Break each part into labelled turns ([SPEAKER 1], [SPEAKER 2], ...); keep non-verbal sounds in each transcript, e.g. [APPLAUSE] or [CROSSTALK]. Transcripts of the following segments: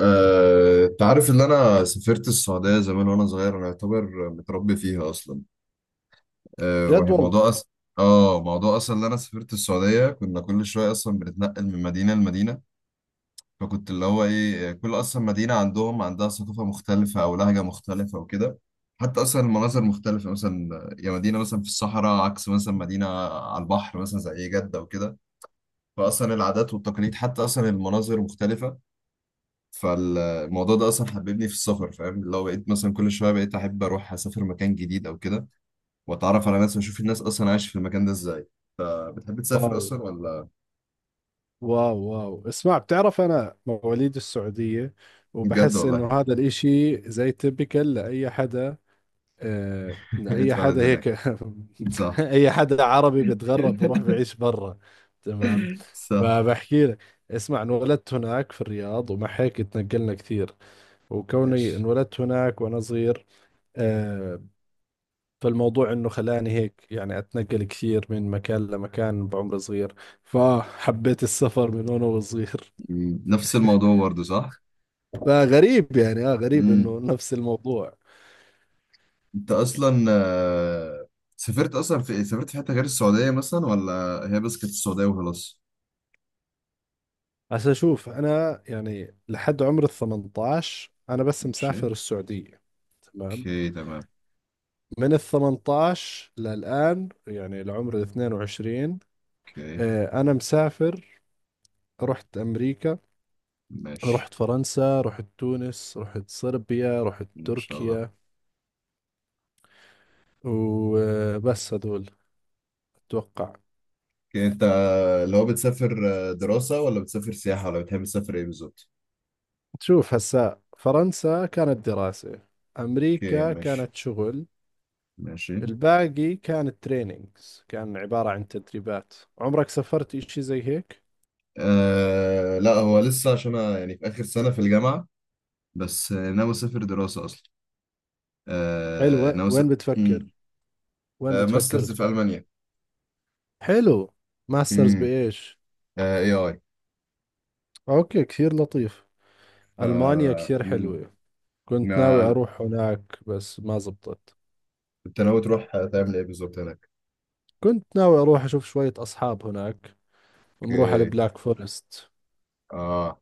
[SPEAKER 1] تعرف ان انا سافرت السعوديه زمان وانا صغير. انا اعتبر متربي فيها اصلا. أه
[SPEAKER 2] جد والله.
[SPEAKER 1] وموضوع أس... اه موضوع اصلا ان انا سافرت السعوديه، كنا كل شويه اصلا بنتنقل من مدينه لمدينه. فكنت اللي هو ايه، كل اصلا مدينه عندها ثقافه مختلفه او لهجه مختلفه وكده. حتى اصلا المناظر مختلفه، مثلا يا مدينه مثلا في الصحراء عكس مثلا مدينه على البحر مثلا زي جده وكده. فاصلا العادات والتقاليد حتى اصلا المناظر مختلفه. فالموضوع ده اصلا حببني في السفر، فاهم؟ لو بقيت مثلا كل شويه بقيت احب اروح اسافر مكان جديد او كده واتعرف على ناس واشوف الناس اصلا عايشه في المكان ده ازاي. بتحب تسافر
[SPEAKER 2] واو
[SPEAKER 1] اصلا ولا؟
[SPEAKER 2] واو واو، اسمع، بتعرف أنا مواليد السعودية،
[SPEAKER 1] بجد
[SPEAKER 2] وبحس إنه
[SPEAKER 1] والله؟
[SPEAKER 2] هذا الإشي زي تبكل لأي حدا.
[SPEAKER 1] [LAUGHS]
[SPEAKER 2] لأي حدا
[SPEAKER 1] اتولد هناك؟
[SPEAKER 2] هيك. [LAUGHS]
[SPEAKER 1] صح.
[SPEAKER 2] أي حدا عربي بيتغرب
[SPEAKER 1] [LAUGHS]
[SPEAKER 2] بروح بعيش برا. تمام.
[SPEAKER 1] صح.
[SPEAKER 2] فبحكي لك، اسمع، انولدت هناك في الرياض، ومع هيك تنقلنا كثير. وكوني
[SPEAKER 1] ماشي.
[SPEAKER 2] انولدت هناك وأنا صغير، آه، فالموضوع انه خلاني هيك يعني اتنقل كثير من مكان لمكان بعمر صغير، فحبيت السفر من وانا وصغير.
[SPEAKER 1] مم. نفس الموضوع برضه، صح.
[SPEAKER 2] [LAUGHS] فغريب يعني، غريب
[SPEAKER 1] مم.
[SPEAKER 2] انه نفس الموضوع.
[SPEAKER 1] انت اصلا سافرت اصلا في إيه؟ سافرت في حته غير السعوديه مثلا ولا هي بس كانت السعوديه وخلاص؟
[SPEAKER 2] بس اشوف انا يعني لحد عمر ال 18 انا بس
[SPEAKER 1] ماشي.
[SPEAKER 2] مسافر السعودية. تمام.
[SPEAKER 1] اوكي تمام.
[SPEAKER 2] من ال 18 للان يعني لعمر ال 22،
[SPEAKER 1] اوكي
[SPEAKER 2] انا مسافر. رحت امريكا،
[SPEAKER 1] ماشي.
[SPEAKER 2] رحت فرنسا، رحت تونس، رحت صربيا، رحت
[SPEAKER 1] ان شاء الله.
[SPEAKER 2] تركيا. وبس هذول أتوقع.
[SPEAKER 1] اوكي، انت اللي هو بتسافر دراسة ولا بتسافر سياحة ولا بتحب تسافر ايه بالظبط؟
[SPEAKER 2] تشوف هسا فرنسا كانت دراسة،
[SPEAKER 1] اوكي
[SPEAKER 2] أمريكا
[SPEAKER 1] ماشي.
[SPEAKER 2] كانت شغل،
[SPEAKER 1] ماشي.
[SPEAKER 2] الباقي كانت تريننجز، كان عبارة عن تدريبات. عمرك سافرت إشي زي هيك؟
[SPEAKER 1] آه لا، هو لسه عشان انا يعني في آخر سنة في الجامعة. بس ناوي اسافر دراسة اصلا. آه
[SPEAKER 2] حلو،
[SPEAKER 1] ناوي س...
[SPEAKER 2] وين بتفكر؟
[SPEAKER 1] مم.
[SPEAKER 2] وين بتفكر
[SPEAKER 1] ماسترز في
[SPEAKER 2] تروح؟
[SPEAKER 1] ألمانيا.
[SPEAKER 2] حلو. ماسترز
[SPEAKER 1] امم.
[SPEAKER 2] بإيش؟
[SPEAKER 1] AI.
[SPEAKER 2] أوكي، كثير لطيف.
[SPEAKER 1] ف
[SPEAKER 2] ألمانيا كثير
[SPEAKER 1] مم.
[SPEAKER 2] حلوة. كنت ناوي
[SPEAKER 1] ما-
[SPEAKER 2] أروح هناك بس ما زبطت.
[SPEAKER 1] انت ناوي تروح تعمل ايه بالظبط هناك؟
[SPEAKER 2] كنت ناوي أروح أشوف شوية أصحاب هناك ونروح على
[SPEAKER 1] اوكي.
[SPEAKER 2] البلاك فورست.
[SPEAKER 1] اه.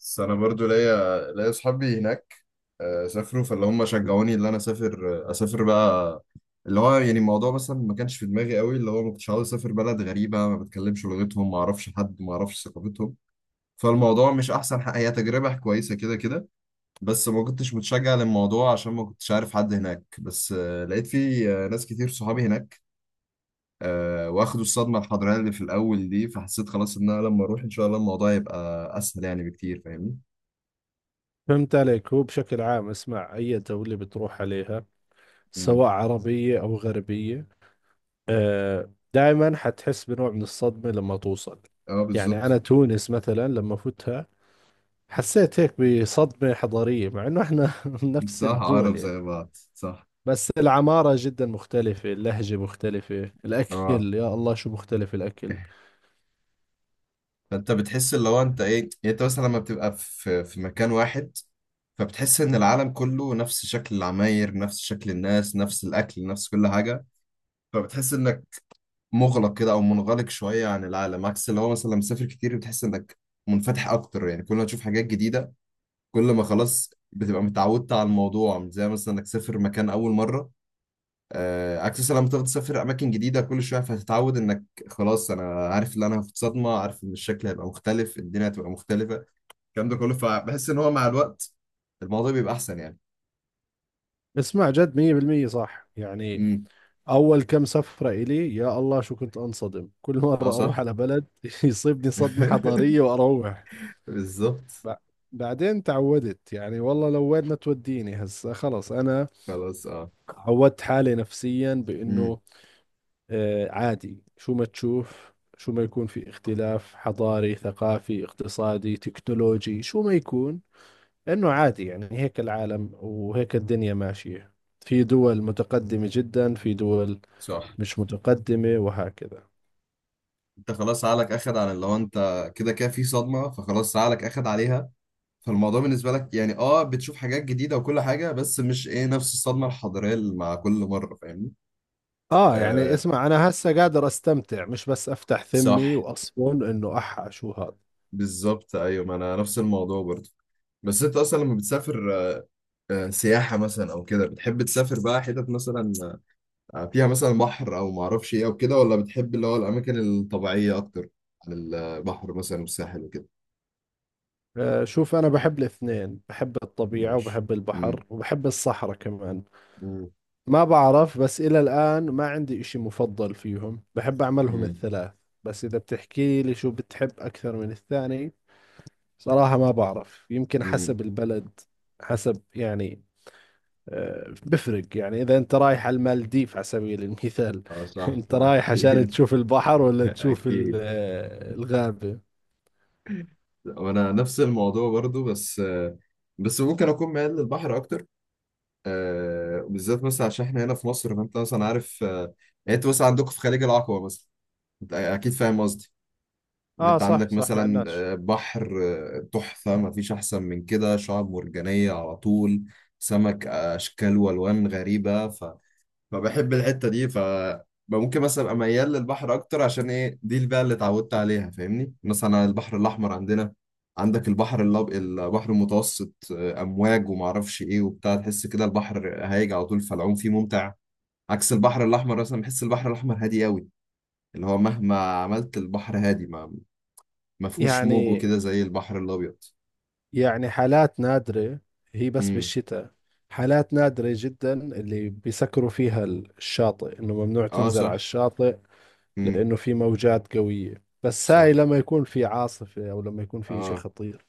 [SPEAKER 1] بس انا برضو ليا اصحابي هناك سافروا، فاللي هم شجعوني ان انا اسافر اسافر بقى. اللي هو يعني الموضوع مثلا ما كانش في دماغي قوي، اللي هو ما كنتش عاوز اسافر بلد غريبه ما بتكلمش لغتهم ما اعرفش حد ما اعرفش ثقافتهم. فالموضوع مش احسن حاجه، هي تجربه كويسه كده كده. بس ما كنتش متشجع للموضوع عشان ما كنتش عارف حد هناك، بس لقيت في ناس كتير صحابي هناك واخدوا الصدمه الحضاريه اللي في الاول دي، فحسيت خلاص ان انا لما اروح ان شاء الله الموضوع يبقى اسهل يعني بكتير، فاهمني؟
[SPEAKER 2] فهمت عليك. هو بشكل عام اسمع، أي دولة بتروح عليها، سواء عربية أو غربية، آه دائما حتحس بنوع من الصدمة لما توصل.
[SPEAKER 1] اه
[SPEAKER 2] يعني أنا
[SPEAKER 1] بالظبط.
[SPEAKER 2] تونس مثلا لما فتها، حسيت هيك بصدمة حضارية، مع إنه إحنا [LAUGHS] نفس
[SPEAKER 1] صح،
[SPEAKER 2] الدول
[SPEAKER 1] عقرب
[SPEAKER 2] يعني.
[SPEAKER 1] زي بعض، صح.
[SPEAKER 2] بس العمارة جدا مختلفة، اللهجة مختلفة،
[SPEAKER 1] اه.
[SPEAKER 2] الأكل يا الله شو مختلف الأكل.
[SPEAKER 1] فانت بتحس اللي هو انت ايه، يعني انت مثلا لما بتبقى في مكان واحد فبتحس ان العالم كله نفس شكل العماير نفس شكل الناس نفس الاكل نفس كل حاجه، فبتحس انك مغلق كده او منغلق شويه عن العالم. عكس اللي هو مثلا لما مسافر كتير بتحس انك منفتح اكتر، يعني كل ما تشوف حاجات جديده كل ما خلاص بتبقى متعودت على الموضوع مش زي مثلا انك تسافر مكان اول مره. عكس لما تقعد تسافر اماكن جديده كل شويه فهتتعود انك خلاص انا عارف ان انا في صدمه، عارف ان الشكل هيبقى مختلف، الدنيا هتبقى مختلفه، الكلام ده كله. فبحس ان هو مع الوقت الموضوع بيبقى احسن يعني.
[SPEAKER 2] اسمع، جد مية بالمية صح يعني.
[SPEAKER 1] امم.
[SPEAKER 2] أول كم سفرة إلي، يا الله شو كنت أنصدم، كل
[SPEAKER 1] اه
[SPEAKER 2] مرة
[SPEAKER 1] صح.
[SPEAKER 2] أروح على بلد [LAUGHS] يصيبني صدمة حضارية
[SPEAKER 1] [LAUGHS]
[SPEAKER 2] وأروح.
[SPEAKER 1] بالظبط.
[SPEAKER 2] ب- بعدين تعودت يعني، والله لو وين ما توديني هسا خلص أنا.
[SPEAKER 1] خلاص اه.
[SPEAKER 2] عودت حالي نفسيا
[SPEAKER 1] امم.
[SPEAKER 2] بأنه آه عادي، شو ما تشوف، شو ما يكون في اختلاف حضاري ثقافي اقتصادي تكنولوجي، شو ما يكون، إنه عادي يعني. هيك العالم وهيك الدنيا ماشية، في دول متقدمة جدا، في دول
[SPEAKER 1] صح.
[SPEAKER 2] مش متقدمة، وهكذا.
[SPEAKER 1] انت خلاص عقلك اخد على، لو انت كده كده في صدمه فخلاص عقلك اخد عليها. فالموضوع بالنسبه لك يعني اه بتشوف حاجات جديده وكل حاجه، بس مش ايه نفس الصدمه الحضاريه اللي مع كل مره، فاهمني؟
[SPEAKER 2] اه يعني
[SPEAKER 1] آه
[SPEAKER 2] اسمع، انا هسه قادر استمتع، مش بس افتح ثمي
[SPEAKER 1] صح.
[SPEAKER 2] واصفن انه احا شو هذا.
[SPEAKER 1] بالظبط ايوه، ما انا نفس الموضوع برضه. بس انت اصلا لما بتسافر سياحه مثلا او كده، بتحب تسافر بقى حتت مثلا فيها مثلا بحر او ما اعرفش ايه او كده، ولا بتحب اللي هو الاماكن الطبيعيه اكتر عن البحر مثلا والساحل وكده؟
[SPEAKER 2] آه شوف، انا بحب الاثنين، بحب الطبيعة
[SPEAKER 1] ماشي.
[SPEAKER 2] وبحب
[SPEAKER 1] امم.
[SPEAKER 2] البحر وبحب الصحراء كمان.
[SPEAKER 1] امم.
[SPEAKER 2] ما بعرف، بس الى الان ما عندي اشي مفضل فيهم، بحب اعملهم
[SPEAKER 1] امم.
[SPEAKER 2] الثلاث. بس اذا بتحكي لي شو بتحب اكثر من الثاني، صراحة ما بعرف، يمكن
[SPEAKER 1] امم.
[SPEAKER 2] حسب البلد، حسب يعني، بفرق يعني. إذا أنت رايح على المالديف على سبيل المثال،
[SPEAKER 1] اه
[SPEAKER 2] [LAUGHS]
[SPEAKER 1] صح
[SPEAKER 2] أنت رايح عشان
[SPEAKER 1] اكيد.
[SPEAKER 2] تشوف البحر
[SPEAKER 1] [LAUGHS]
[SPEAKER 2] ولا تشوف
[SPEAKER 1] اكيد.
[SPEAKER 2] الغابة.
[SPEAKER 1] وانا نفس الموضوع برضو، بس بس ممكن اكون ميال للبحر اكتر بالذات مثلا عشان احنا هنا في مصر، فانت مثلا عارف يعني انت مثلا عندكم في خليج العقبة مثلا، انت اكيد فاهم قصدي ان
[SPEAKER 2] آه
[SPEAKER 1] انت
[SPEAKER 2] صح
[SPEAKER 1] عندك
[SPEAKER 2] صح، مع
[SPEAKER 1] مثلا
[SPEAKER 2] الناس
[SPEAKER 1] بحر تحفة، ما فيش احسن من كده، شعاب مرجانية على طول، سمك اشكال والوان غريبة. فبحب الحتة دي ممكن مثلا ابقى ميال للبحر اكتر عشان ايه دي بقى اللي اتعودت عليها، فاهمني؟ مثلا البحر الاحمر عندنا، عندك البحر البحر المتوسط، امواج وما اعرفش ايه وبتاع، تحس كده البحر هايج على طول فالعوم فيه ممتع عكس البحر الاحمر. مثلا بحس البحر الاحمر هادي قوي، اللي هو مهما عملت البحر هادي، ما فيهوش موج
[SPEAKER 2] يعني.
[SPEAKER 1] وكده زي البحر الابيض.
[SPEAKER 2] يعني حالات نادرة، هي بس
[SPEAKER 1] امم.
[SPEAKER 2] بالشتاء، حالات نادرة جدا اللي بيسكروا فيها الشاطئ إنه ممنوع
[SPEAKER 1] اه
[SPEAKER 2] تنزل
[SPEAKER 1] صح.
[SPEAKER 2] على الشاطئ،
[SPEAKER 1] امم.
[SPEAKER 2] لأنه في موجات قوية، بس هاي
[SPEAKER 1] صح.
[SPEAKER 2] لما يكون في عاصفة أو لما يكون في إشي
[SPEAKER 1] اه.
[SPEAKER 2] خطير.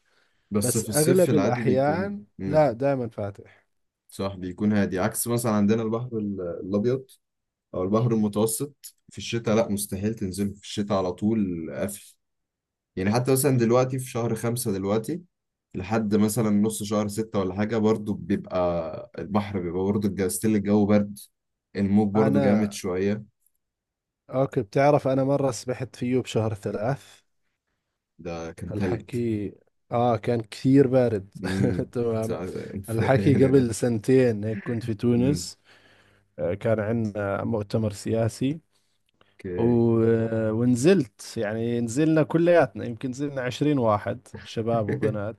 [SPEAKER 1] بس
[SPEAKER 2] بس
[SPEAKER 1] في الصيف
[SPEAKER 2] أغلب
[SPEAKER 1] العادي بيكون،
[SPEAKER 2] الأحيان
[SPEAKER 1] امم،
[SPEAKER 2] لا، دائما فاتح.
[SPEAKER 1] صح بيكون هادي عكس مثلا عندنا البحر الابيض او البحر المتوسط. في الشتاء لا، مستحيل تنزله في الشتاء، على طول قافل. يعني حتى مثلا دلوقتي في شهر خمسة دلوقتي، لحد مثلا نص شهر ستة ولا حاجة، برضو بيبقى البحر، بيبقى برضو الجو ستيل، الجو برد، الموج برضو جامد
[SPEAKER 2] أنا
[SPEAKER 1] شوية.
[SPEAKER 2] اوكي. بتعرف انا مرة سبحت فيه بشهر ثلاث.
[SPEAKER 1] ده كان تلج؟
[SPEAKER 2] الحكي اه، كان كثير بارد.
[SPEAKER 1] امم.
[SPEAKER 2] [LAUGHS] تمام.
[SPEAKER 1] سع- [LAUGHS]
[SPEAKER 2] الحكي
[SPEAKER 1] يعني ده.
[SPEAKER 2] قبل سنتين هيك، كنت في
[SPEAKER 1] امم.
[SPEAKER 2] تونس، كان عندنا مؤتمر سياسي،
[SPEAKER 1] اوكي.
[SPEAKER 2] و... آه، ونزلت يعني نزلنا كلياتنا، يمكن نزلنا عشرين واحد شباب
[SPEAKER 1] [LAUGHS]
[SPEAKER 2] وبنات.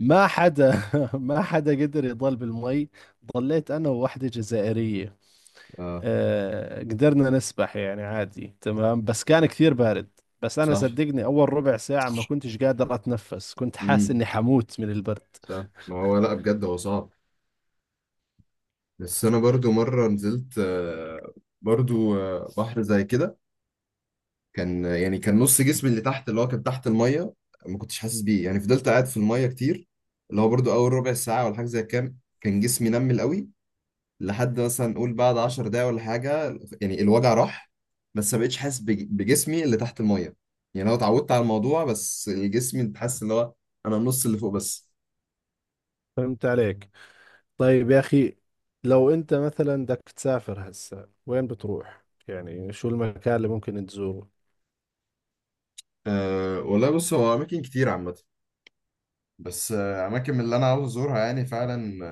[SPEAKER 2] ما حدا، [LAUGHS] ما حدا قدر يضل بالمي. ضليت انا وواحدة جزائرية،
[SPEAKER 1] اه
[SPEAKER 2] قدرنا نسبح يعني عادي تمام، بس كان كثير بارد. بس أنا
[SPEAKER 1] صح.
[SPEAKER 2] صدقني أول ربع ساعة ما كنتش قادر أتنفس، كنت حاسس
[SPEAKER 1] امم.
[SPEAKER 2] إني حموت من البرد.
[SPEAKER 1] صح ما هو لا بجد هو صعب. بس انا برضو مره نزلت برضو بحر زي كده، كان يعني كان نص جسمي اللي تحت، اللي هو كان تحت الميه ما كنتش حاسس بيه، يعني فضلت قاعد في الميه كتير. اللي هو برضو اول ربع ساعه ولا حاجه زي كام، كان جسمي نمل قوي، لحد مثلا نقول بعد 10 دقايق ولا حاجه يعني الوجع راح. بس ما بقتش حاسس بجسمي اللي تحت الميه. يعني انا اتعودت على الموضوع، بس الجسم انت حاسس اللي هو انا النص اللي فوق بس.
[SPEAKER 2] فهمت عليك. طيب يا أخي، لو أنت مثلا بدك تسافر هسا وين بتروح؟ يعني شو المكان اللي ممكن تزوره؟
[SPEAKER 1] والله بص هو اماكن كتير عامه، بس اماكن من اللي انا عاوز ازورها يعني فعلا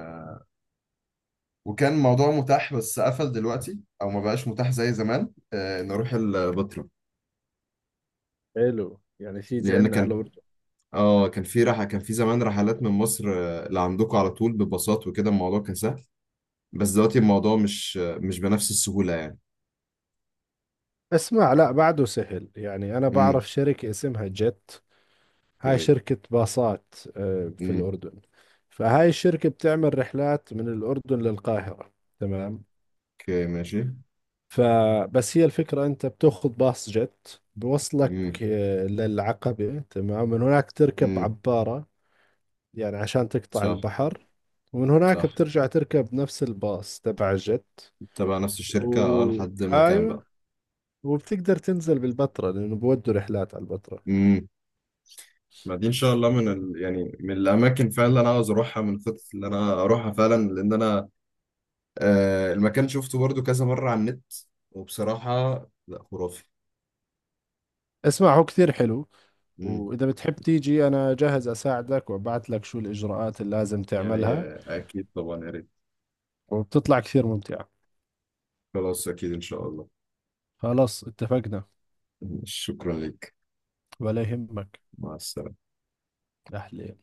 [SPEAKER 1] وكان موضوع متاح بس قفل دلوقتي او ما بقاش متاح زي زمان، ان اروح البتراء،
[SPEAKER 2] حلو، يعني تيجي
[SPEAKER 1] لان
[SPEAKER 2] عنا على
[SPEAKER 1] كان
[SPEAKER 2] الأردن.
[SPEAKER 1] اه كان في رحله كان في زمان رحلات من مصر لعندكم، على طول بباصات وكده، الموضوع كان سهل. بس دلوقتي الموضوع مش بنفس السهوله يعني.
[SPEAKER 2] اسمع، لا بعده سهل، يعني أنا
[SPEAKER 1] امم.
[SPEAKER 2] بعرف شركة اسمها جيت. هاي
[SPEAKER 1] اوكي.
[SPEAKER 2] شركة باصات في
[SPEAKER 1] امم.
[SPEAKER 2] الأردن. فهاي الشركة بتعمل رحلات من الأردن للقاهرة. تمام.
[SPEAKER 1] اوكي ماشي.
[SPEAKER 2] فبس هي الفكرة، أنت بتأخذ باص جت، بوصلك
[SPEAKER 1] امم.
[SPEAKER 2] للعقبة. تمام. من هناك تركب
[SPEAKER 1] امم.
[SPEAKER 2] عبارة، يعني عشان تقطع
[SPEAKER 1] صح.
[SPEAKER 2] البحر، ومن هناك
[SPEAKER 1] صح
[SPEAKER 2] بترجع تركب نفس الباص تبع الجت،
[SPEAKER 1] تبع نفس الشركه، اه،
[SPEAKER 2] و...
[SPEAKER 1] لحد المكان
[SPEAKER 2] أيوة،
[SPEAKER 1] بقى.
[SPEAKER 2] وبتقدر تنزل بالبتراء لأنه بودوا رحلات على البتراء.
[SPEAKER 1] امم. ما دي ان شاء الله يعني من الاماكن فعلا اللي انا عاوز اروحها، من الخطط اللي انا اروحها فعلا، لان انا المكان شفته برضو كذا مرة على النت، وبصراحة لا، خرافي.
[SPEAKER 2] اسمع هو كثير حلو،
[SPEAKER 1] مم.
[SPEAKER 2] وإذا بتحب تيجي أنا جاهز أساعدك وأبعت لك شو الإجراءات اللي لازم
[SPEAKER 1] يعني
[SPEAKER 2] تعملها،
[SPEAKER 1] أكيد طبعا يا ريت.
[SPEAKER 2] وبتطلع كثير ممتعة.
[SPEAKER 1] خلاص أكيد إن شاء الله.
[SPEAKER 2] خلاص اتفقنا.
[SPEAKER 1] شكرا لك.
[SPEAKER 2] ولا يهمك.
[SPEAKER 1] مع السلامة.
[SPEAKER 2] أحلى.